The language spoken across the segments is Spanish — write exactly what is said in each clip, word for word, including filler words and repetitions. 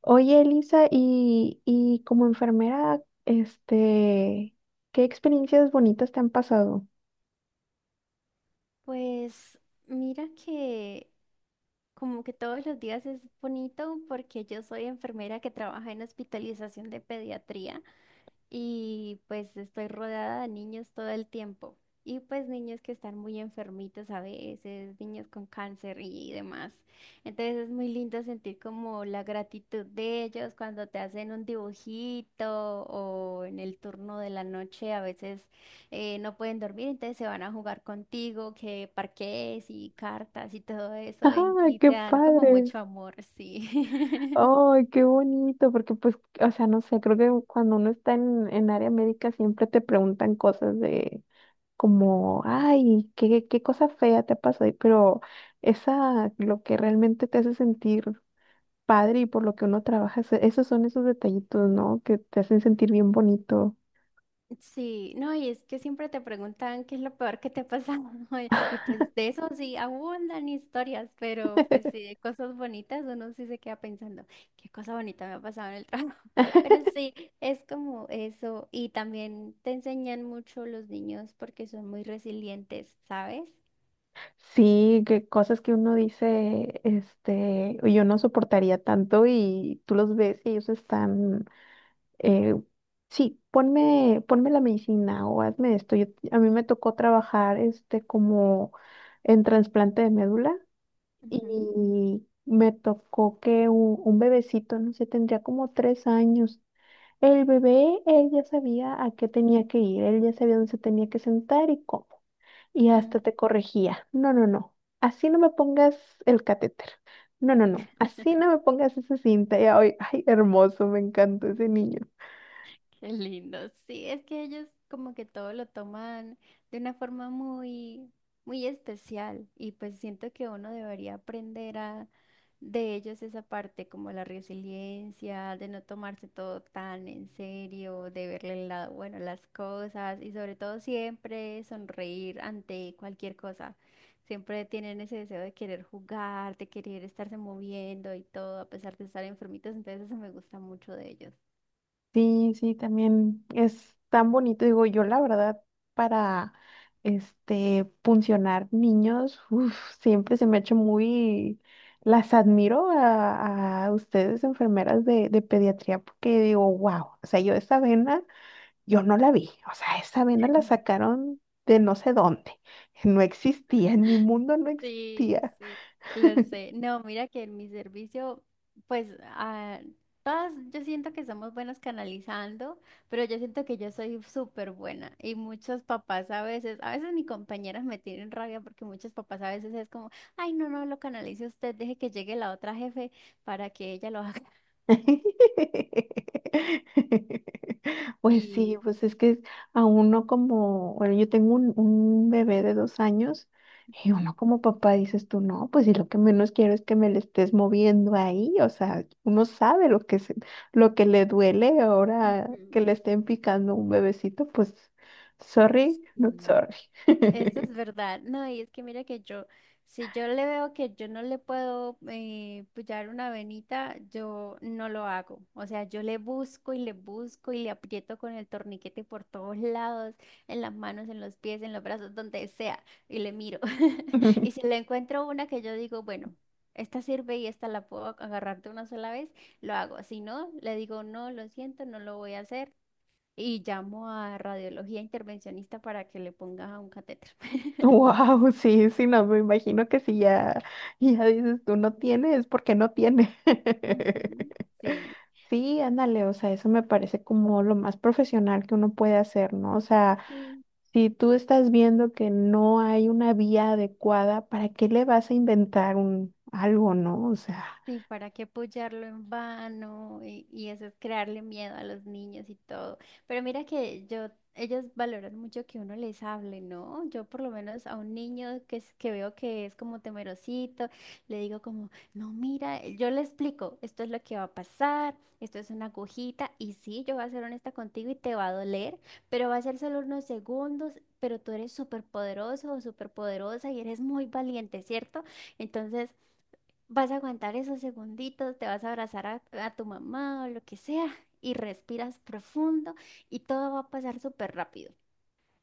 Oye, Elisa, y, y como enfermera, este, ¿qué experiencias bonitas te han pasado? Pues mira que como que todos los días es bonito porque yo soy enfermera que trabaja en hospitalización de pediatría y pues estoy rodeada de niños todo el tiempo. Y pues niños que están muy enfermitos a veces, niños con cáncer y demás. Entonces es muy lindo sentir como la gratitud de ellos cuando te hacen un dibujito o en el turno de la noche a veces eh, no pueden dormir, entonces se van a jugar contigo, que parques y cartas y todo eso y, ¡Ah, y qué te dan como padre! mucho amor, sí. ¡Ay, qué bonito! Porque pues, o sea, no sé, creo que cuando uno está en, en área médica siempre te preguntan cosas de como, ay, qué, qué cosa fea te ha pasado, y- pero esa, lo que realmente te hace sentir padre y por lo que uno trabaja, se- esos son esos detallitos, ¿no? Que te hacen sentir bien bonito. Sí, no, y es que siempre te preguntan qué es lo peor que te pasa, ¿no? Y pues de eso sí abundan historias, pero pues sí, de cosas bonitas uno sí se queda pensando, qué cosa bonita me ha pasado en el trabajo. Pero sí, es como eso, y también te enseñan mucho los niños porque son muy resilientes, ¿sabes? Sí, que cosas que uno dice, este, yo no soportaría tanto y tú los ves y ellos están, eh, sí, ponme, ponme la medicina o hazme esto. Yo- a mí me tocó trabajar, este, como en trasplante de médula y me tocó que un, un bebecito, no sé, tendría como tres años el bebé, él ya sabía a qué tenía que ir, él ya sabía dónde se tenía que sentar y cómo. Y hasta Ujú. te corregía. No, no, no. Así no me pongas el catéter. No, no, no. Así no me pongas esa cinta. Y hoy, ay, hermoso, me encantó ese niño. Qué lindo. Sí, es que ellos como que todo lo toman de una forma muy, muy especial y pues siento que uno debería aprender a de ellos esa parte como la resiliencia, de no tomarse todo tan en serio, de verle el lado bueno a las cosas y sobre todo siempre sonreír ante cualquier cosa. Siempre tienen ese deseo de querer jugar, de querer estarse moviendo y todo a pesar de estar enfermitos, entonces eso me gusta mucho de ellos. Sí, sí, también es tan bonito. Digo, yo la verdad, para este funcionar niños, uf, siempre se me ha hecho muy, las admiro a, a ustedes, enfermeras de, de pediatría, porque digo, wow, o sea, yo esa vena, yo no la vi. O sea, esa vena la sacaron de no sé dónde. No existía, en mi mundo no Sí, existía. sí, lo sé. No, mira que en mi servicio, pues ah, todas yo siento que somos buenas canalizando, pero yo siento que yo soy súper buena y muchos papás a veces, a veces mis compañeras me tienen rabia porque muchos papás a veces es como, ay, no, no, lo canalice usted, deje que llegue la otra jefe para que ella lo haga. Pues sí, Sí. pues es que a uno como, bueno, yo tengo un, un bebé de dos años y Ujú, uno como papá dices tú, no, pues si lo que menos quiero es que me le estés moviendo ahí, o sea, uno sabe lo que se- lo que le duele ahora que le ujú. estén picando un bebecito, pues sorry, not Sí. sorry. Eso es verdad. No, y es que mira que yo, si yo le veo que yo no le puedo eh, pullar una venita, yo no lo hago. O sea, yo le busco y le busco y le aprieto con el torniquete por todos lados, en las manos, en los pies, en los brazos, donde sea, y le miro. Y si le encuentro una que yo digo, bueno, esta sirve y esta la puedo agarrar de una sola vez, lo hago. Si no, le digo, no, lo siento, no lo voy a hacer y llamo a radiología intervencionista para que le ponga un catéter. Wow, sí, sí, no, me imagino que si ya, ya dices tú no tiene es porque no tiene. Ujú. Sí. Sí, ándale, o sea, eso me parece como lo más profesional que uno puede hacer, ¿no? O sea, si tú estás viendo que no hay una vía adecuada, ¿para qué le vas a inventar un algo, no? O sea. Sí, ¿para qué apoyarlo en vano? Y, y eso es crearle miedo a los niños y todo. Pero mira que yo, ellos valoran mucho que uno les hable, ¿no? Yo por lo menos a un niño que, es- que veo que es como temerosito, le digo como, no, mira, eh, yo le explico, esto es lo que va a pasar, esto es una agujita, y sí, yo voy a ser honesta contigo y te va a doler, pero va a ser solo unos segundos, pero tú eres súper poderoso o súper poderosa y eres muy valiente, ¿cierto? Entonces... Vas a aguantar esos segunditos, te vas a abrazar a, a tu mamá o lo que sea y respiras profundo y todo va a pasar súper rápido.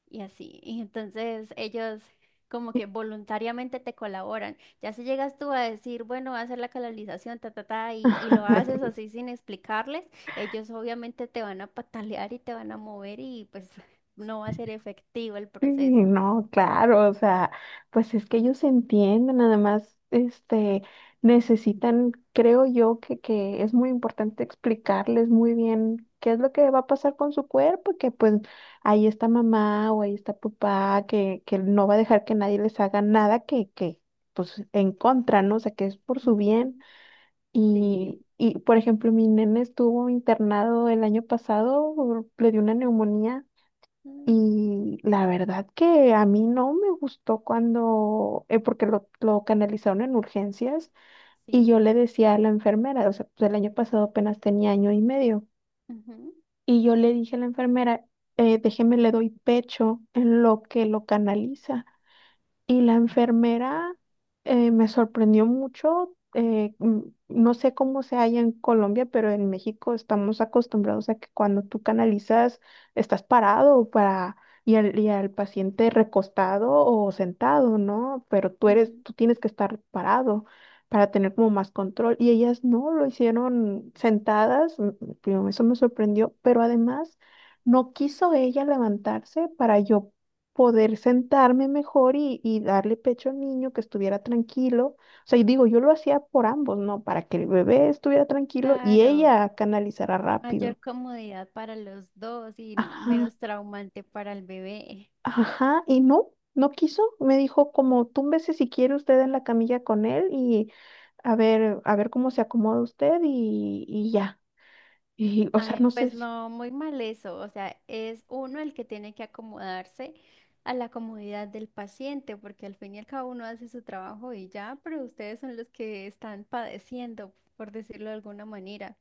Y así. Y entonces ellos como que voluntariamente te colaboran. Ya si llegas tú a decir, bueno, voy a hacer la canalización, ta, ta, ta, y, y lo haces así sin explicarles, ellos obviamente te van a patalear y te van a mover y pues no va a ser efectivo el Sí, proceso. no, claro, o sea, pues es que ellos entienden, además, este, necesitan, creo yo, que, que es muy importante explicarles muy bien qué es lo que va a pasar con su cuerpo, que pues ahí está mamá o ahí está papá, que, que no va a dejar que nadie les haga nada que, que, pues, en contra, ¿no? O sea, que es por su bien. Ujú. Y, Sí. Y, por ejemplo, mi nene estuvo internado el año pasado, le dio una neumonía. Mm. Y la verdad que a mí no me gustó cuando, eh, porque lo, lo canalizaron en urgencias y Sí. yo le decía a la enfermera, o sea, pues el año pasado apenas tenía año y medio, Ujú, y yo le dije a la enfermera, eh, déjeme le doy pecho en lo que lo canaliza. Y la enfermera eh, me sorprendió mucho. Eh, mm, no sé cómo sea allá en Colombia, pero en México estamos acostumbrados a que cuando tú canalizas, estás parado para, y al, y al paciente recostado o sentado, ¿no? Pero tú eres, ujú. tú tienes que estar parado para tener como más control. Y ellas no lo hicieron sentadas. mm, mm, Eso me sorprendió, pero además no quiso ella levantarse para yo poder sentarme mejor y, y darle pecho al niño, que estuviera tranquilo. O sea, y digo, yo lo hacía por ambos, ¿no? Para que el bebé estuviera tranquilo y Claro. ella canalizara rápido. Mayor comodidad para los dos y Ajá, menos traumante para el bebé. ajá, y no, no quiso. Me dijo como, túmbese si quiere usted en la camilla con él y a ver, a ver cómo se acomoda usted y, y ya. Y, o sea, Ay, no sé pues si... no, muy mal eso. O sea, es uno el que tiene que acomodarse a la comodidad del paciente, porque al fin y al cabo uno hace su trabajo y ya, pero ustedes son los que están padeciendo, por decirlo de alguna manera.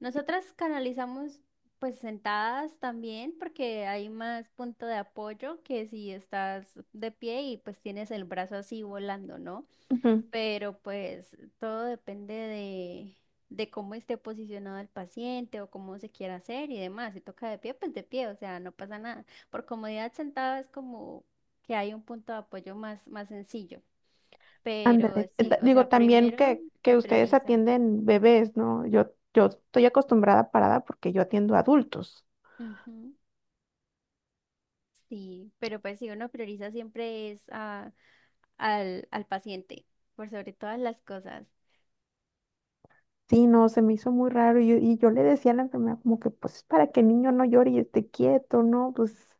Nosotras canalizamos pues sentadas también, porque hay más punto de apoyo que si estás de pie y pues tienes el brazo así volando, ¿no? Ujú. Pero pues todo depende de, de cómo esté posicionado el paciente o cómo se quiera hacer y demás. Si toca de pie, pues de pie, o sea, no pasa nada. Por comodidad sentado es como que hay un punto de apoyo más, más sencillo, pero Ándale. Eh, sí, ta- o Digo, sea, también primero que, se que ustedes prioriza. atienden bebés, ¿no? Yo, yo estoy acostumbrada a parada porque yo atiendo adultos. Ujú. Sí, pero pues si uno prioriza siempre es a- al, al paciente, por sobre todas las cosas. Sí, no, se me hizo muy raro y, yo y yo le decía a la enfermera como que pues es para que el niño no llore y esté quieto, ¿no? Pues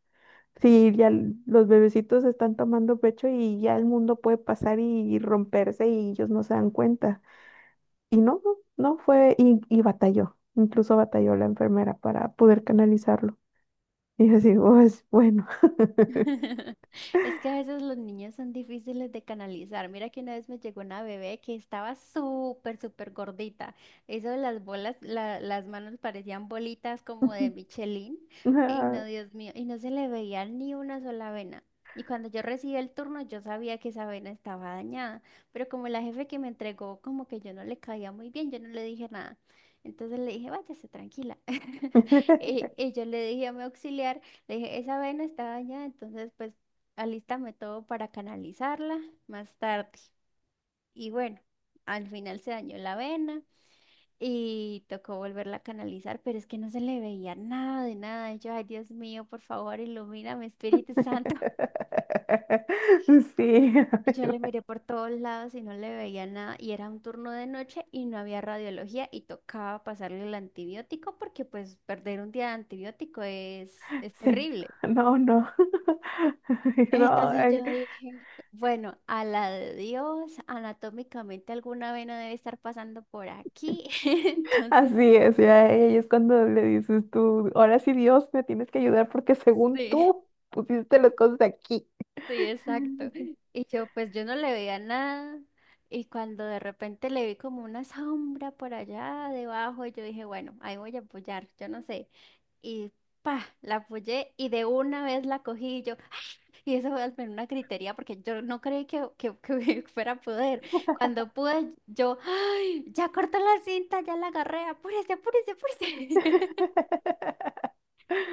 sí, ya l- los bebecitos están tomando pecho y ya el mundo puede pasar y, romperse y ellos no se dan cuenta. Y no, no, no fue, y, y batalló, incluso batalló la enfermera para poder canalizarlo. Y yo así, pues bueno. Es que a veces los niños son difíciles de canalizar. Mira que una vez me llegó una bebé que estaba súper, súper gordita. Eso de las bolas, la- las manos parecían bolitas como de Michelin. Ay, Ah. no, Dios mío. Y no se le veía ni una sola vena. Y cuando yo recibí el turno, yo sabía que esa vena estaba dañada. Pero como la jefe que me entregó, como que yo no le caía muy bien, yo no le dije nada. Entonces le dije, váyase tranquila. Y, y yo le dije a mi auxiliar. Le dije, esa vena está dañada, entonces pues alístame todo para canalizarla más tarde. Y bueno, al final se dañó la vena y tocó volverla a canalizar, pero es que no se le veía nada de nada. Y yo, ay Dios mío, por favor, ilumíname, Espíritu Santo. Sí, Y yo le miré por todos lados y no le veía nada. Y era un turno de noche y no había radiología y tocaba pasarle el antibiótico porque pues perder un día de antibiótico es, es sí, terrible. no, no. No, Entonces ay, yo dije, bueno, a la de Dios, anatómicamente alguna vena debe estar pasando por aquí. Entonces, así es, ya ahí es cuando le dices tú, ahora sí Dios, me tienes que ayudar porque según sí. tú pusiste las cosas aquí. Sí, exacto. Y yo, pues yo no le veía nada. Y cuando de repente le vi como una sombra por allá debajo, y yo dije, bueno, ahí voy a apoyar, yo no sé. Y pa, la apoyé y de una vez la cogí y yo, ¡ah! Y eso fue al menos una gritería porque yo no creí que, que, que fuera a poder. Cuando pude, yo, ¡ay! Ya cortó la cinta, ya la agarré, apúrese, apúrese, apúrese.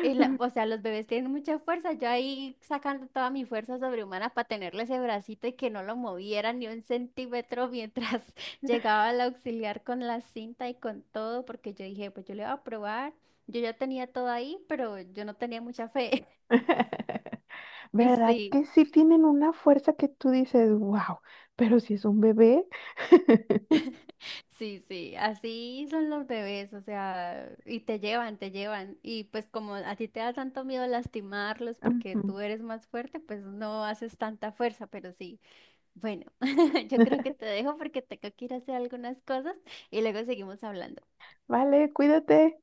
Y la- o sea, los bebés tienen mucha fuerza. Yo ahí sacando toda mi fuerza sobrehumana para tenerle ese bracito y que no lo moviera ni un centímetro mientras llegaba el auxiliar con la cinta y con todo, porque yo dije, pues yo le voy a probar. Yo ya tenía todo ahí, pero yo no tenía mucha fe. Y ¿Verdad sí, que sí tienen una fuerza que tú dices, wow, pero si es un bebé? sí, sí, así son los bebés, o sea, y te llevan, te llevan. Y pues como a ti te da tanto miedo lastimarlos porque Ujú. tú eres más fuerte, pues no haces tanta fuerza, pero sí. Bueno, yo creo que te dejo porque tengo que ir a hacer algunas cosas y luego seguimos hablando. Vale, cuídate.